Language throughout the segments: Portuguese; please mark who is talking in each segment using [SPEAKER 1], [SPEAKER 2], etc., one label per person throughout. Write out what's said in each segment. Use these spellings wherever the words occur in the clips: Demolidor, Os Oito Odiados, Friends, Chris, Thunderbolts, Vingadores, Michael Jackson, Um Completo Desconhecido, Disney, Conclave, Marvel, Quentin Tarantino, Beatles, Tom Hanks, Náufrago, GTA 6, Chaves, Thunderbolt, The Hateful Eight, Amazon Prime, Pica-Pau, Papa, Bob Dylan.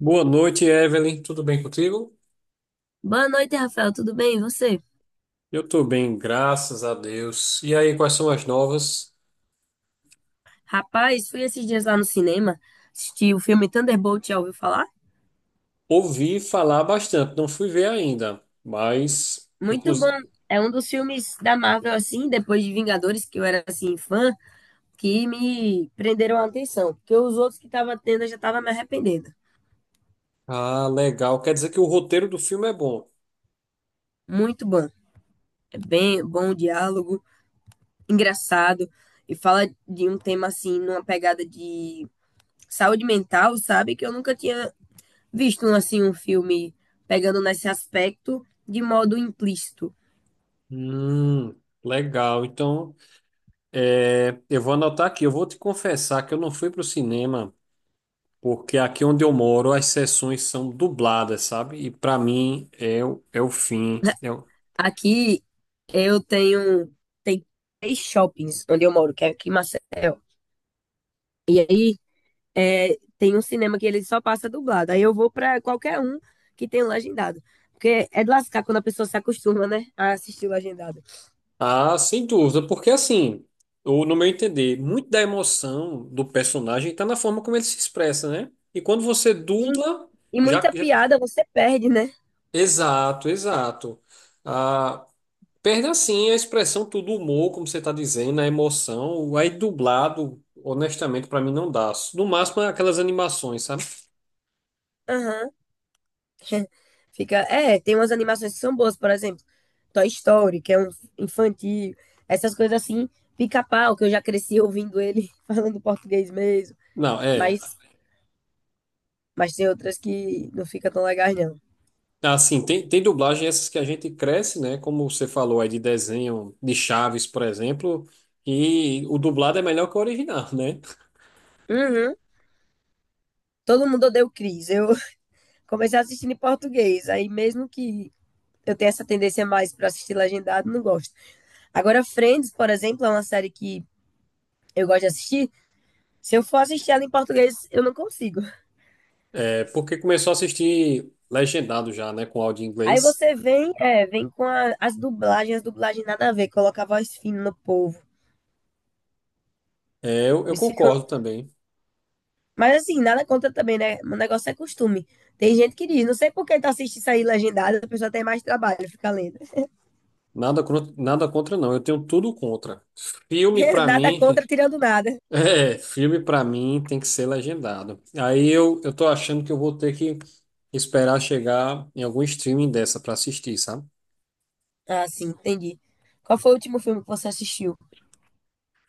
[SPEAKER 1] Boa noite, Evelyn. Tudo bem contigo?
[SPEAKER 2] Boa noite, Rafael. Tudo bem? E você?
[SPEAKER 1] Eu tô bem, graças a Deus. E aí, quais são as novas?
[SPEAKER 2] Rapaz, fui esses dias lá no cinema assistir o filme Thunderbolt, já ouviu falar?
[SPEAKER 1] Ouvi falar bastante, não fui ver ainda, mas
[SPEAKER 2] Muito bom.
[SPEAKER 1] inclusive.
[SPEAKER 2] É um dos filmes da Marvel, assim, depois de Vingadores, que eu era, assim, fã, que me prenderam a atenção. Porque os outros que tava tendo, eu já tava me arrependendo.
[SPEAKER 1] Ah, legal. Quer dizer que o roteiro do filme é bom.
[SPEAKER 2] Muito bom. É bem bom o diálogo, engraçado. E fala de um tema, assim, numa pegada de saúde mental, sabe? Que eu nunca tinha visto, assim, um filme pegando nesse aspecto de modo implícito.
[SPEAKER 1] Hum, legal. Então, eu vou anotar aqui. Eu vou te confessar que eu não fui pro cinema, porque aqui onde eu moro as sessões são dubladas, sabe? E para mim é o fim.
[SPEAKER 2] Aqui eu tenho tem três shoppings onde eu moro, que é aqui em Maceió. E aí é, tem um cinema que ele só passa dublado. Aí eu vou pra qualquer um que tem legendado. Porque é de lascar quando a pessoa se acostuma, né? A assistir legendado.
[SPEAKER 1] Ah, sem dúvida, porque assim, eu, no meu entender, muito da emoção do personagem está na forma como ele se expressa, né? E quando você
[SPEAKER 2] Sim.
[SPEAKER 1] dubla,
[SPEAKER 2] E
[SPEAKER 1] já,
[SPEAKER 2] muita
[SPEAKER 1] já-
[SPEAKER 2] piada você perde, né?
[SPEAKER 1] exato, exato. Ah, perde assim a expressão, tudo o humor, como você está dizendo, a emoção. Aí dublado, honestamente, para mim não dá. No máximo, aquelas animações, sabe?
[SPEAKER 2] Aham. Fica. É, tem umas animações que são boas, por exemplo, Toy Story, que é um infantil, essas coisas assim, Pica-Pau, que eu já cresci ouvindo ele falando português mesmo.
[SPEAKER 1] Não, é.
[SPEAKER 2] Mas Mas tem outras que não fica tão legais, não.
[SPEAKER 1] Ah, sim, tem dublagem essas que a gente cresce, né? Como você falou aí de desenho de Chaves, por exemplo, e o dublado é melhor que o original, né?
[SPEAKER 2] Uhum. Todo mundo odeia o Chris. Eu comecei assistindo em português. Aí mesmo que eu tenha essa tendência mais para assistir legendado, não gosto. Agora, Friends, por exemplo, é uma série que eu gosto de assistir. Se eu for assistir ela em português, eu não consigo.
[SPEAKER 1] É, porque começou a assistir legendado já, né? Com áudio em
[SPEAKER 2] Aí
[SPEAKER 1] inglês.
[SPEAKER 2] você vem, é, vem com as dublagens nada a ver, coloca a voz fina no povo.
[SPEAKER 1] É, eu
[SPEAKER 2] Eles ficam.
[SPEAKER 1] concordo também.
[SPEAKER 2] Mas assim, nada contra também, né? O negócio é costume. Tem gente que diz, não sei por que tá assistindo isso aí legendado, a pessoa tem mais trabalho, fica lendo.
[SPEAKER 1] Nada contra, não. Eu tenho tudo contra. Filme, pra
[SPEAKER 2] Nada
[SPEAKER 1] mim.
[SPEAKER 2] contra, tirando nada.
[SPEAKER 1] É, filme, pra mim, tem que ser legendado. Aí eu tô achando que eu vou ter que esperar chegar em algum streaming dessa pra assistir, sabe?
[SPEAKER 2] Ah, sim, entendi. Qual foi o último filme que você assistiu?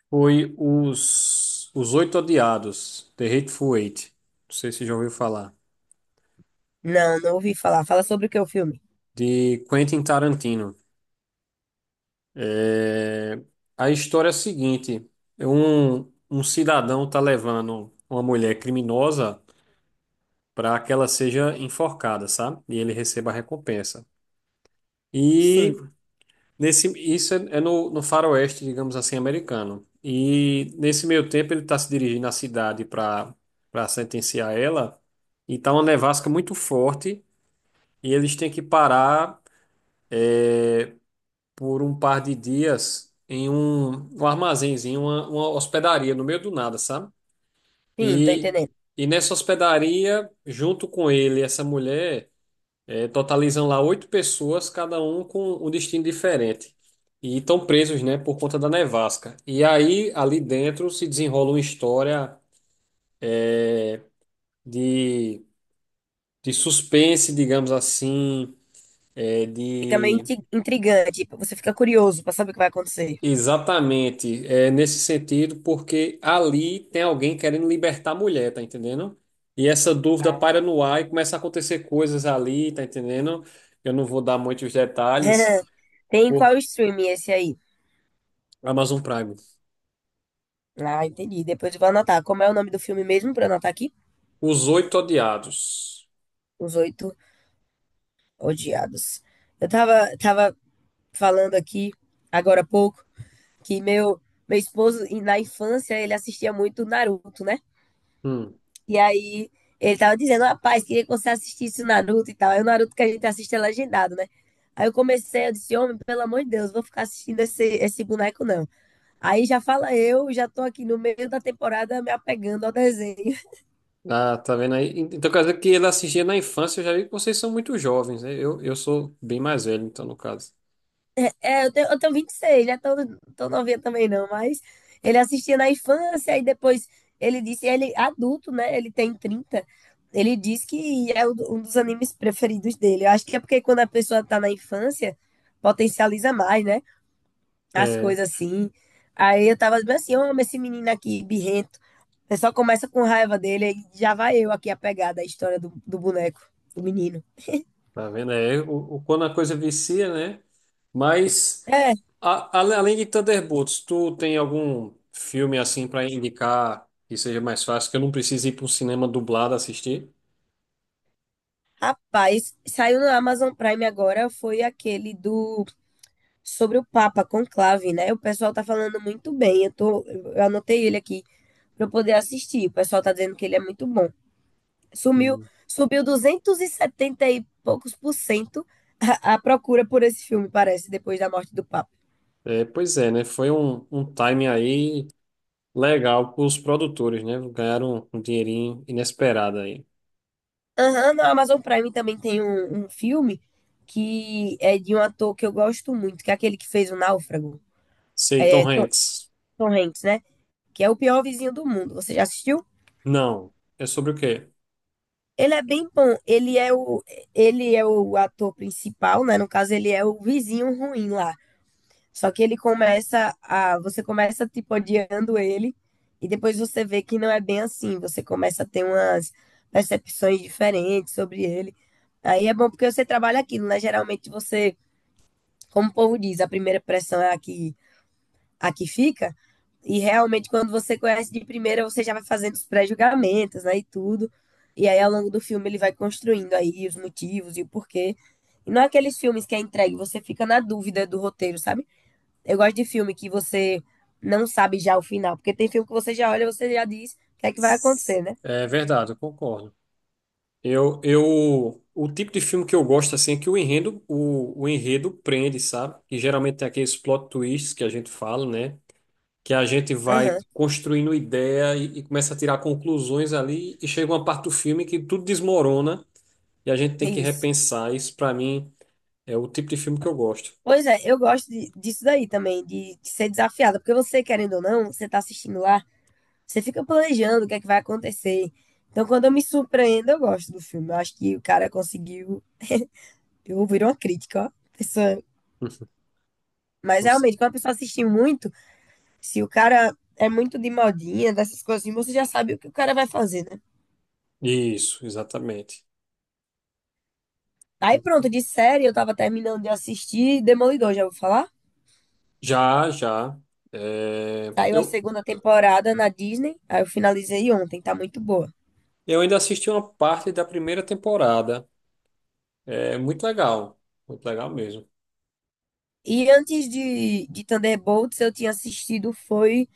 [SPEAKER 1] Foi os Oito Odiados, The Hateful Eight. Não sei se já ouviu falar.
[SPEAKER 2] Não, não ouvi falar. Fala sobre o que é o filme.
[SPEAKER 1] De Quentin Tarantino. É, a história é a seguinte: é um cidadão tá levando uma mulher criminosa para que ela seja enforcada, sabe? E ele receba a recompensa. E
[SPEAKER 2] Sim,
[SPEAKER 1] nesse, no faroeste, digamos assim, americano. E nesse meio tempo ele está se dirigindo à cidade para sentenciar ela. E tá uma nevasca muito forte e eles têm que parar por um par de dias em um armazenzinho, uma hospedaria no meio do nada, sabe?
[SPEAKER 2] sim, tô
[SPEAKER 1] E,
[SPEAKER 2] entendendo.
[SPEAKER 1] e nessa hospedaria, junto com ele, e essa mulher. É, totalizam lá oito pessoas, cada um com um destino diferente. E estão presos, né, por conta da nevasca. E aí, ali dentro, se desenrola uma história é, de, de suspense, digamos assim, é,
[SPEAKER 2] Fica meio
[SPEAKER 1] de
[SPEAKER 2] intrigante. Tipo, você fica curioso pra saber o que vai acontecer.
[SPEAKER 1] exatamente é, nesse sentido, porque ali tem alguém querendo libertar a mulher, tá entendendo? E essa dúvida
[SPEAKER 2] Ah.
[SPEAKER 1] paira no ar e começa a acontecer coisas ali, tá entendendo? Eu não vou dar muitos detalhes
[SPEAKER 2] Tem qual
[SPEAKER 1] por
[SPEAKER 2] streaming esse aí?
[SPEAKER 1] Amazon Prime.
[SPEAKER 2] Ah, entendi. Depois eu vou anotar. Como é o nome do filme mesmo pra eu anotar aqui?
[SPEAKER 1] Os Oito Odiados.
[SPEAKER 2] Os Oito Odiados. Eu tava falando aqui, agora há pouco, que meu esposo, e na infância, ele assistia muito Naruto, né?
[SPEAKER 1] Hum.
[SPEAKER 2] E aí ele tava dizendo, rapaz, queria que você assistisse o Naruto e tal. Aí o Naruto que a gente assiste é legendado, né? Aí eu comecei, eu disse, homem, pelo amor de Deus, vou ficar assistindo esse boneco, não. Aí já fala eu, já tô aqui no meio da temporada me apegando ao desenho.
[SPEAKER 1] Ah, tá vendo aí? Então quer dizer que ele assistia na infância, eu já vi que vocês são muito jovens, né? Eu sou bem mais velho, então, no caso.
[SPEAKER 2] É, eu tenho 26, né? Tô novinha também não, mas ele assistia na infância e depois ele disse, ele é adulto, né? Ele tem 30. Ele diz que é um dos animes preferidos dele. Eu acho que é porque quando a pessoa tá na infância, potencializa mais, né? As
[SPEAKER 1] É,
[SPEAKER 2] coisas assim. Aí eu tava bem assim, eu amo esse menino aqui, birrento. Você só começa com raiva dele, aí já vai eu aqui a pegada, a história do boneco, do menino.
[SPEAKER 1] tá vendo? É, quando a coisa vicia, né? Mas,
[SPEAKER 2] É,
[SPEAKER 1] além de Thunderbolts, tu tem algum filme assim pra indicar que seja mais fácil, que eu não precise ir para um cinema dublado assistir?
[SPEAKER 2] rapaz, saiu no Amazon Prime agora, foi aquele do sobre o Papa Conclave, né? O pessoal tá falando muito bem. Eu anotei ele aqui pra eu poder assistir. O pessoal tá dizendo que ele é muito bom. Sumiu,
[SPEAKER 1] Hum.
[SPEAKER 2] subiu 270 e setenta e poucos por cento a procura por esse filme, parece, depois da morte do Papa.
[SPEAKER 1] É, pois é, né? Foi um timing aí legal para os produtores, né? Ganharam um dinheirinho inesperado aí.
[SPEAKER 2] Aham, no Amazon Prime também tem um filme que é de um ator que eu gosto muito, que é aquele que fez o Náufrago,
[SPEAKER 1] Sei, Tom
[SPEAKER 2] é
[SPEAKER 1] Hanks.
[SPEAKER 2] Tom Hanks, né? Que é o pior vizinho do mundo. Você já assistiu?
[SPEAKER 1] Não. É sobre o quê?
[SPEAKER 2] Ele é bem bom. Ele é o ator principal, né? No caso, ele é o vizinho ruim lá. Só que ele começa a, você começa tipo odiando ele e depois você vê que não é bem assim. Você começa a ter umas percepções diferentes sobre ele. Aí é bom porque você trabalha aquilo, né? Geralmente você, como o povo diz, a primeira pressão é a que fica. E realmente, quando você conhece de primeira, você já vai fazendo os pré-julgamentos, né? E tudo. E aí, ao longo do filme, ele vai construindo aí os motivos e o porquê. E não é aqueles filmes que é entregue, você fica na dúvida do roteiro, sabe? Eu gosto de filme que você não sabe já o final, porque tem filme que você já olha, e você já diz o que é que vai acontecer, né?
[SPEAKER 1] É verdade, eu concordo. O tipo de filme que eu gosto assim é que o enredo, o enredo prende, sabe? E geralmente tem aqueles plot twists que a gente fala, né? Que a gente vai
[SPEAKER 2] Aham,
[SPEAKER 1] construindo ideia e começa a tirar conclusões ali e chega uma parte do filme que tudo desmorona e a gente
[SPEAKER 2] é
[SPEAKER 1] tem que
[SPEAKER 2] isso.
[SPEAKER 1] repensar. Isso pra mim é o tipo de filme que eu gosto.
[SPEAKER 2] Pois é, eu gosto disso daí também, de ser desafiada, porque você, querendo ou não, você tá assistindo lá. Você fica planejando o que é que vai acontecer. Então, quando eu me surpreendo, eu gosto do filme. Eu acho que o cara conseguiu. Eu ouvi uma crítica, ó. Pessoa... Mas realmente, quando a pessoa assiste muito, se o cara é muito de modinha, dessas coisas assim, você já sabe o que o cara vai fazer, né?
[SPEAKER 1] Isso, exatamente.
[SPEAKER 2] Aí pronto, de série, eu tava terminando de assistir Demolidor, já vou falar?
[SPEAKER 1] Já, já. É,
[SPEAKER 2] Saiu a segunda temporada na Disney, aí eu finalizei ontem, tá muito boa.
[SPEAKER 1] eu ainda assisti uma parte da primeira temporada. É muito legal. Muito legal mesmo.
[SPEAKER 2] E antes de Thunderbolts, eu tinha assistido foi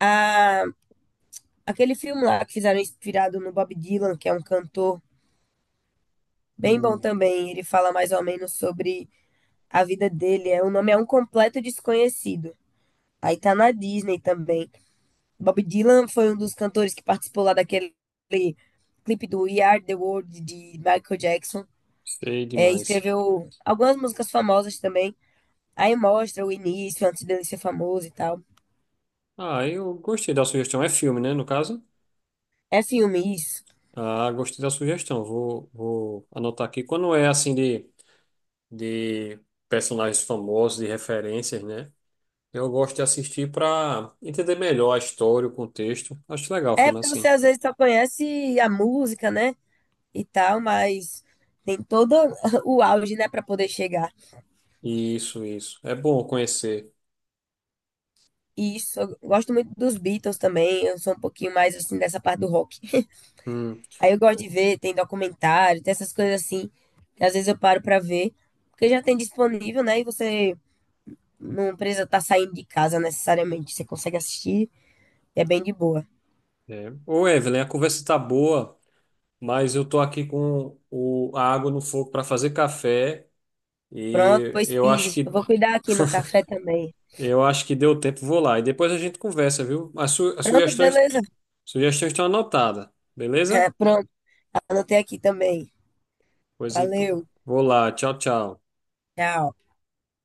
[SPEAKER 2] a. Aquele filme lá que fizeram inspirado no Bob Dylan, que é um cantor bem bom
[SPEAKER 1] Hum,
[SPEAKER 2] também, ele fala mais ou menos sobre a vida dele. É, o nome é Um Completo Desconhecido. Aí tá na Disney também. Bob Dylan foi um dos cantores que participou lá daquele clipe do We Are the World de Michael Jackson.
[SPEAKER 1] sei
[SPEAKER 2] É,
[SPEAKER 1] demais.
[SPEAKER 2] escreveu algumas músicas famosas também. Aí mostra o início, antes dele ser famoso e tal.
[SPEAKER 1] Ah, eu gostei da sugestão. É filme, né, no caso?
[SPEAKER 2] É filme isso.
[SPEAKER 1] Ah, gostei da sugestão. Vou anotar aqui. Quando é assim de personagens famosos, de referências, né? Eu gosto de assistir para entender melhor a história, o contexto. Acho legal o
[SPEAKER 2] É
[SPEAKER 1] filme
[SPEAKER 2] porque você
[SPEAKER 1] assim.
[SPEAKER 2] às vezes só conhece a música, né? E tal, mas tem todo o auge, né, para poder chegar.
[SPEAKER 1] Isso, isso. É bom conhecer.
[SPEAKER 2] E isso, eu gosto muito dos Beatles também, eu sou um pouquinho mais assim dessa parte do rock.
[SPEAKER 1] Hum.
[SPEAKER 2] Aí eu gosto de ver, tem documentário, tem essas coisas assim, que às vezes eu paro para ver, porque já tem disponível, né, e você não precisa estar saindo de casa necessariamente, você consegue assistir, é bem de boa.
[SPEAKER 1] É. Ô, Evelyn, a conversa tá boa, mas eu tô aqui com a água no fogo para fazer café
[SPEAKER 2] Pronto,
[SPEAKER 1] e
[SPEAKER 2] pois
[SPEAKER 1] eu
[SPEAKER 2] Pise,
[SPEAKER 1] acho
[SPEAKER 2] eu
[SPEAKER 1] que
[SPEAKER 2] vou cuidar aqui no café também.
[SPEAKER 1] eu acho que deu tempo, vou lá. E depois a gente conversa, viu? As
[SPEAKER 2] Pronto,
[SPEAKER 1] sugestões,
[SPEAKER 2] beleza?
[SPEAKER 1] estão anotadas, beleza?
[SPEAKER 2] Pronto, anotei aqui também.
[SPEAKER 1] Pois é,
[SPEAKER 2] Valeu,
[SPEAKER 1] vou lá, tchau, tchau.
[SPEAKER 2] tchau.